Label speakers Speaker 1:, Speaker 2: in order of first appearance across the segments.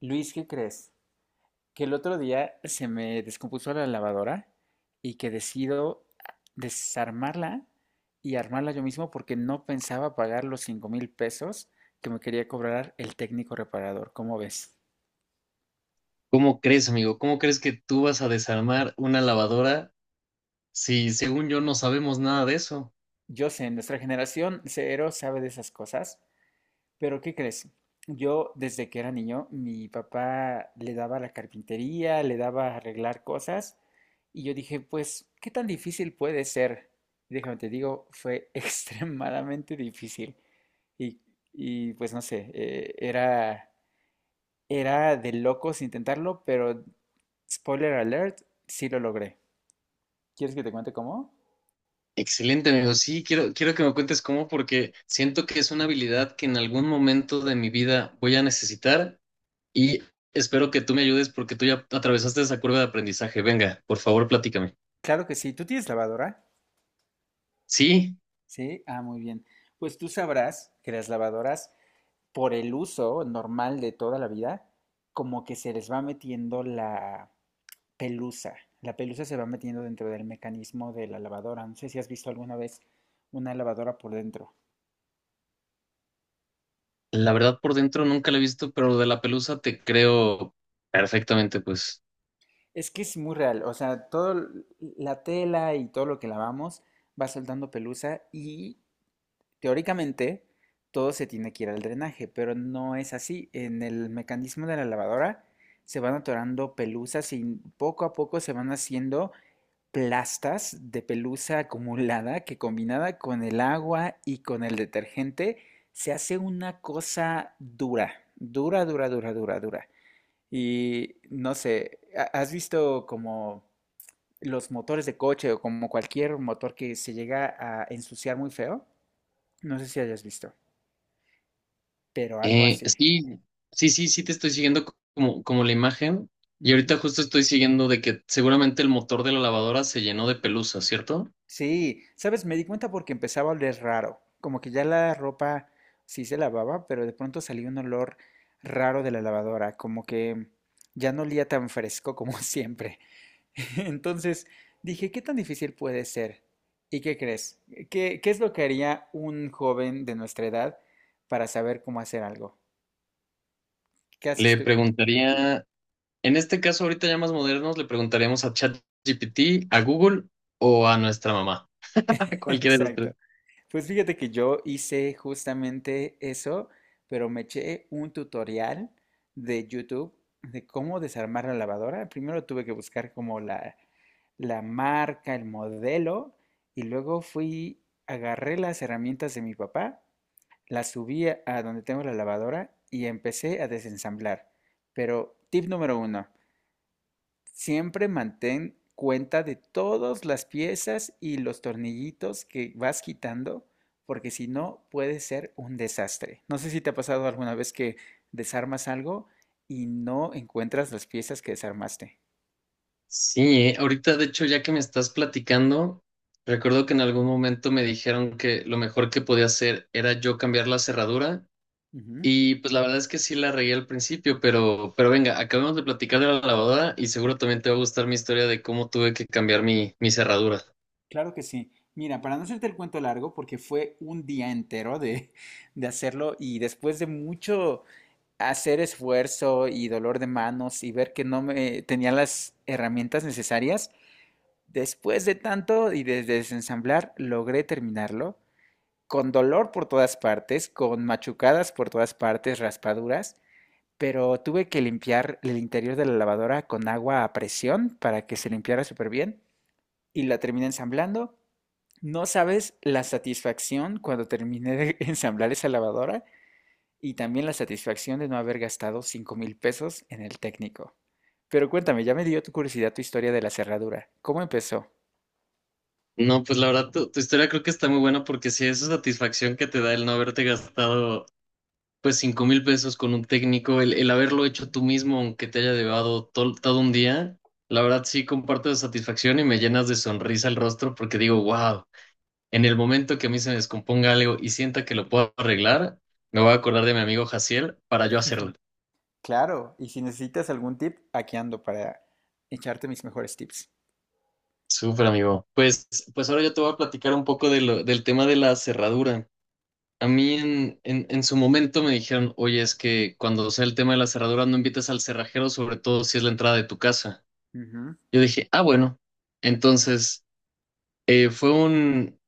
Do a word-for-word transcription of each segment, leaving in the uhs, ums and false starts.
Speaker 1: Luis, ¿qué crees? Que el otro día se me descompuso la lavadora y que decido desarmarla y armarla yo mismo porque no pensaba pagar los cinco mil pesos que me quería cobrar el técnico reparador. ¿Cómo ves?
Speaker 2: ¿Cómo crees, amigo? ¿Cómo crees que tú vas a desarmar una lavadora si, según yo, no sabemos nada de eso?
Speaker 1: Yo sé, nuestra generación cero sabe de esas cosas, pero ¿qué crees? Yo desde que era niño, mi papá le daba a la carpintería, le daba a arreglar cosas y yo dije, pues, ¿qué tan difícil puede ser? Y déjame te digo, fue extremadamente difícil y, y, pues no sé, eh, era, era de locos intentarlo, pero spoiler alert, sí lo logré. ¿Quieres que te cuente cómo?
Speaker 2: Excelente, amigo. Sí, quiero, quiero que me cuentes cómo, porque siento que es una habilidad que en algún momento de mi vida voy a necesitar y espero que tú me ayudes porque tú ya atravesaste esa curva de aprendizaje. Venga, por favor, platícame.
Speaker 1: Claro que sí, ¿tú tienes lavadora?
Speaker 2: Sí,
Speaker 1: Sí, ah, muy bien. Pues tú sabrás que las lavadoras por el uso normal de toda la vida, como que se les va metiendo la pelusa. La pelusa se va metiendo dentro del mecanismo de la lavadora. No sé si has visto alguna vez una lavadora por dentro.
Speaker 2: la verdad por dentro nunca la he visto, pero lo de la pelusa te creo perfectamente, pues.
Speaker 1: Es que es muy real, o sea, toda la tela y todo lo que lavamos va soltando pelusa y teóricamente todo se tiene que ir al drenaje, pero no es así. En el mecanismo de la lavadora se van atorando pelusas y poco a poco se van haciendo plastas de pelusa acumulada que combinada con el agua y con el detergente se hace una cosa dura, dura, dura, dura, dura, dura. Y no sé, ¿ha- ¿has visto como los motores de coche o como cualquier motor que se llega a ensuciar muy feo? No sé si hayas visto, pero algo
Speaker 2: Eh,
Speaker 1: así.
Speaker 2: sí, sí, sí, sí te estoy siguiendo co- como, como la imagen. Y ahorita justo estoy siguiendo de que seguramente el motor de la lavadora se llenó de pelusa, ¿cierto?
Speaker 1: Sí, sabes, me di cuenta porque empezaba a oler raro, como que ya la ropa sí se lavaba, pero de pronto salía un olor raro de la lavadora, como que ya no olía tan fresco como siempre. Entonces dije, ¿qué tan difícil puede ser? ¿Y qué crees? ¿Qué, ¿qué es lo que haría un joven de nuestra edad para saber cómo hacer algo? ¿Qué haces
Speaker 2: Le
Speaker 1: tú?
Speaker 2: preguntaría, en este caso ahorita ya más modernos, le preguntaríamos a ChatGPT, a Google o a nuestra mamá. Cualquiera de los tres.
Speaker 1: Exacto. Pues fíjate que yo hice justamente eso, pero me eché un tutorial de YouTube de cómo desarmar la lavadora. Primero tuve que buscar como la, la marca, el modelo, y luego fui, agarré las herramientas de mi papá, las subí a a donde tengo la lavadora y empecé a desensamblar. Pero tip número uno, siempre mantén cuenta de todas las piezas y los tornillitos que vas quitando, porque si no puede ser un desastre. No sé si te ha pasado alguna vez que desarmas algo y no encuentras las piezas que desarmaste.
Speaker 2: Sí, eh, ahorita de hecho ya que me estás platicando, recuerdo que en algún momento me dijeron que lo mejor que podía hacer era yo cambiar la cerradura.
Speaker 1: Ujú.
Speaker 2: Y pues la verdad es que sí la regué al principio, pero, pero venga, acabamos de platicar de la lavadora y seguro también te va a gustar mi historia de cómo tuve que cambiar mi, mi cerradura.
Speaker 1: Claro que sí. Mira, para no hacerte el cuento largo, porque fue un día entero de, de hacerlo y después de mucho hacer esfuerzo y dolor de manos y ver que no me tenía las herramientas necesarias, después de tanto y de desensamblar, logré terminarlo, con dolor por todas partes, con machucadas por todas partes, raspaduras, pero tuve que limpiar el interior de la lavadora con agua a presión para que se limpiara súper bien y la terminé ensamblando. No sabes la satisfacción cuando terminé de ensamblar esa lavadora y también la satisfacción de no haber gastado cinco mil pesos en el técnico. Pero cuéntame, ya me dio tu curiosidad tu historia de la cerradura. ¿Cómo empezó?
Speaker 2: No, pues la verdad, tu, tu historia creo que está muy buena porque sí, esa satisfacción que te da el no haberte gastado pues cinco mil pesos con un técnico, el, el haberlo hecho tú mismo, aunque te haya llevado todo, todo un día, la verdad sí comparto esa satisfacción y me llenas de sonrisa el rostro porque digo, wow. En el momento que a mí se me descomponga algo y sienta que lo puedo arreglar, me voy a acordar de mi amigo Jaciel para yo hacerlo.
Speaker 1: Claro, y si necesitas algún tip, aquí ando para echarte mis mejores tips.
Speaker 2: Súper amigo. Pues, pues ahora yo te voy a platicar un poco de lo- del tema de la cerradura. A mí en, en, en su momento me dijeron, oye, es que cuando sea el tema de la cerradura no invites al cerrajero, sobre todo si es la entrada de tu casa.
Speaker 1: Ujú,
Speaker 2: Yo dije, ah, bueno. Entonces, eh, fue un,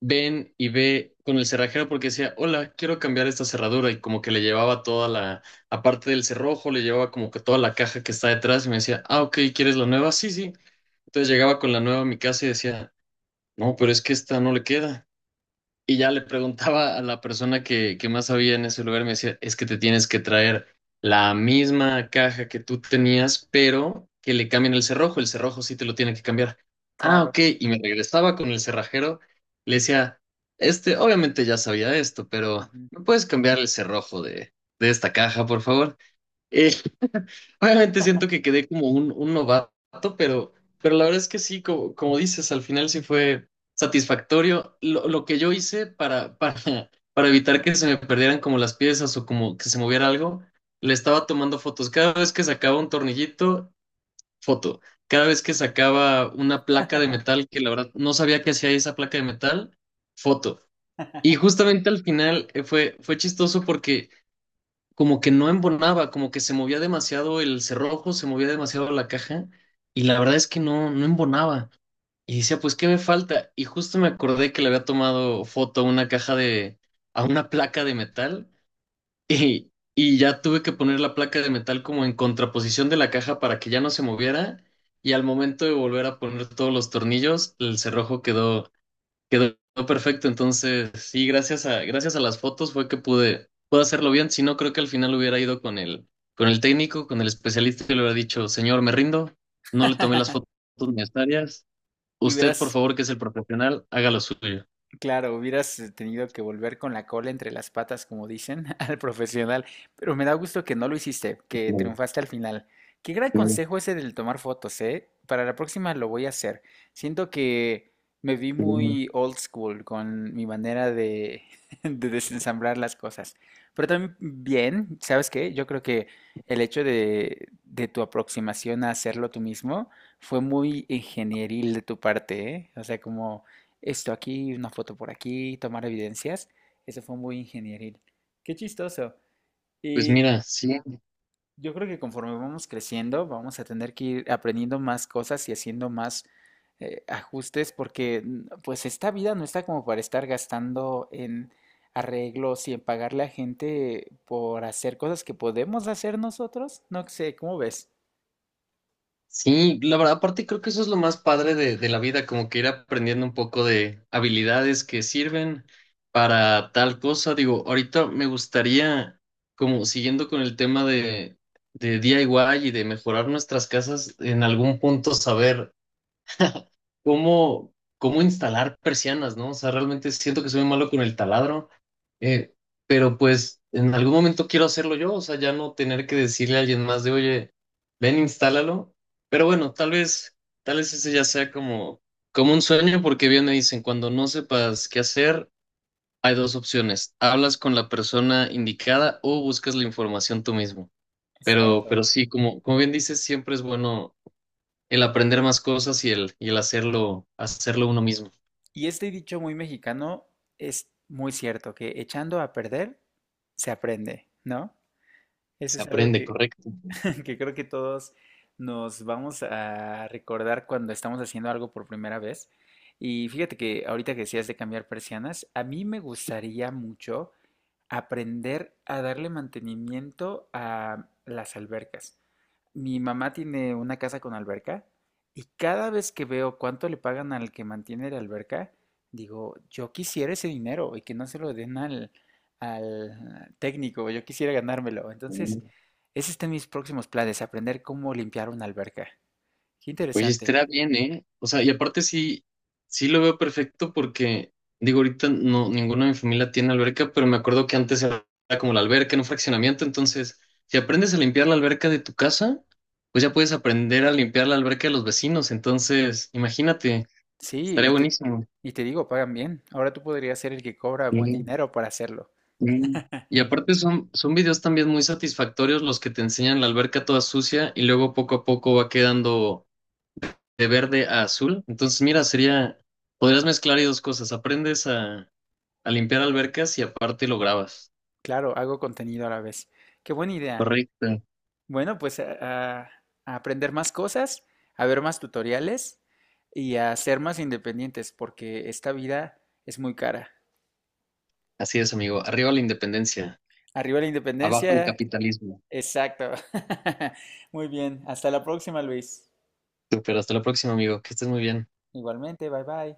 Speaker 2: ven y ve con el cerrajero porque decía, hola, quiero cambiar esta cerradura y como que le llevaba toda la, aparte del cerrojo, le llevaba como que toda la caja que está detrás y me decía, ah, ok, ¿quieres la nueva? Sí, sí. Entonces llegaba con la nueva a mi casa y decía, no, pero es que esta no le queda. Y ya le preguntaba a la persona que, que más sabía en ese lugar, me decía, es que te tienes que traer la misma caja que tú tenías, pero que le cambien el cerrojo, el cerrojo sí te lo tiene que cambiar. Ah,
Speaker 1: claro.
Speaker 2: ok, y me regresaba con el cerrajero, le decía, este, obviamente ya sabía esto, pero
Speaker 1: Ujú.
Speaker 2: ¿me puedes cambiar el cerrojo de, de esta caja, por favor? Eh, obviamente siento que quedé como un, un novato, pero, pero la verdad es que sí, como, como dices, al final sí fue satisfactorio lo, lo que yo hice para, para, para evitar que se me perdieran como las piezas o como que se moviera algo. Le estaba tomando fotos. Cada vez que sacaba un tornillito, foto. Cada vez que sacaba una placa de metal, que la verdad no sabía qué hacía esa placa de metal, foto. Y justamente al final eh, fue, fue chistoso porque como que no embonaba, como que se movía demasiado el cerrojo, se movía demasiado la caja y la verdad es que no, no embonaba. Y decía, pues, ¿qué me falta? Y justo me acordé que le había tomado foto a una caja de, a una placa de metal y, y ya tuve que poner la placa de metal como en contraposición de la caja para que ya no se moviera y al momento de volver a poner todos los tornillos, el cerrojo quedó, quedó perfecto, entonces sí, gracias a, gracias a las fotos fue que pude, pude hacerlo bien, si no creo que al final hubiera ido con el, con el técnico, con el especialista y le hubiera dicho, señor, me rindo, no le tomé las fotos necesarias,
Speaker 1: Y
Speaker 2: usted por
Speaker 1: hubieras
Speaker 2: favor que es el profesional, haga lo suyo.
Speaker 1: Claro, hubieras eh, tenido que volver con la cola entre las patas, como dicen, al profesional, pero me da gusto que no lo hiciste, que triunfaste al final. Qué gran consejo ese del tomar fotos, ¿eh? Para la próxima lo voy a hacer. Siento que me vi muy old school con mi manera de, de desensamblar las cosas. Pero también bien, ¿sabes qué? Yo creo que el hecho de, de tu aproximación a hacerlo tú mismo fue muy ingenieril de tu parte, ¿eh? O sea, como esto aquí, una foto por aquí, tomar evidencias. Eso fue muy ingenieril. Qué chistoso.
Speaker 2: Pues
Speaker 1: Y
Speaker 2: mira, sí,
Speaker 1: yo creo que conforme vamos creciendo, vamos a tener que ir aprendiendo más cosas y haciendo más eh, ajustes porque mm, pues esta vida no está como para estar gastando en arreglos y en pagarle a gente por hacer cosas que podemos hacer nosotros. No sé, ¿cómo ves?
Speaker 2: sí, la verdad, aparte creo que eso es lo más padre de, de la vida, como que ir aprendiendo un poco de habilidades que sirven para tal cosa. Digo, ahorita me gustaría, como siguiendo con el tema de, de DIY y y de mejorar nuestras casas, en algún punto saber cómo, cómo instalar persianas, ¿no? O sea, realmente siento que soy muy malo con el taladro, eh, pero pues en algún momento quiero hacerlo yo, o sea, ya no tener que decirle a alguien más de, oye, ven, instálalo. Pero bueno, tal vez, tal vez ese ya sea como, como un sueño, porque bien me dicen, cuando no sepas qué hacer, hay dos opciones, hablas con la persona indicada o buscas la información tú mismo. Pero,
Speaker 1: Exacto.
Speaker 2: pero sí, como, como bien dices, siempre es bueno el aprender más cosas y el, y el hacerlo, hacerlo uno mismo.
Speaker 1: Y este dicho muy mexicano es muy cierto, que echando a perder se aprende, ¿no? Eso
Speaker 2: Se
Speaker 1: es algo
Speaker 2: aprende,
Speaker 1: que,
Speaker 2: correcto.
Speaker 1: que creo que todos nos vamos a recordar cuando estamos haciendo algo por primera vez. Y fíjate que ahorita que decías de cambiar persianas, a mí me gustaría mucho aprender a darle mantenimiento a las albercas. Mi mamá tiene una casa con alberca y cada vez que veo cuánto le pagan al que mantiene la alberca, digo, yo quisiera ese dinero y que no se lo den al, al técnico, yo quisiera ganármelo. Entonces,
Speaker 2: Oye,
Speaker 1: ese está en mis próximos planes, aprender cómo limpiar una alberca. Qué interesante.
Speaker 2: estará bien, ¿eh? O sea, y aparte sí, sí lo veo perfecto porque, digo, ahorita no, ninguna de mi familia tiene alberca, pero me acuerdo que antes era como la alberca en un fraccionamiento, entonces, si aprendes a limpiar la alberca de tu casa, pues ya puedes aprender a limpiar la alberca de los vecinos, entonces, imagínate,
Speaker 1: Sí,
Speaker 2: estaría
Speaker 1: y te,
Speaker 2: buenísimo.
Speaker 1: y te digo, pagan bien. Ahora tú podrías ser el que cobra buen
Speaker 2: Sí.
Speaker 1: dinero para hacerlo.
Speaker 2: Mm. Y aparte son, son videos también muy satisfactorios los que te enseñan la alberca toda sucia y luego poco a poco va quedando de verde a azul. Entonces, mira, sería, podrías mezclar ahí dos cosas. Aprendes a, a limpiar albercas y aparte lo grabas.
Speaker 1: Claro, hago contenido a la vez. Qué buena idea.
Speaker 2: Correcto.
Speaker 1: Bueno, pues a, a- a aprender más cosas, a ver más tutoriales y a ser más independientes, porque esta vida es muy cara.
Speaker 2: Así es, amigo. Arriba la independencia,
Speaker 1: Arriba la
Speaker 2: abajo el
Speaker 1: independencia.
Speaker 2: capitalismo.
Speaker 1: Exacto. Muy bien. Hasta la próxima, Luis.
Speaker 2: Super, hasta la próxima, amigo. Que estés muy bien.
Speaker 1: Igualmente, bye bye.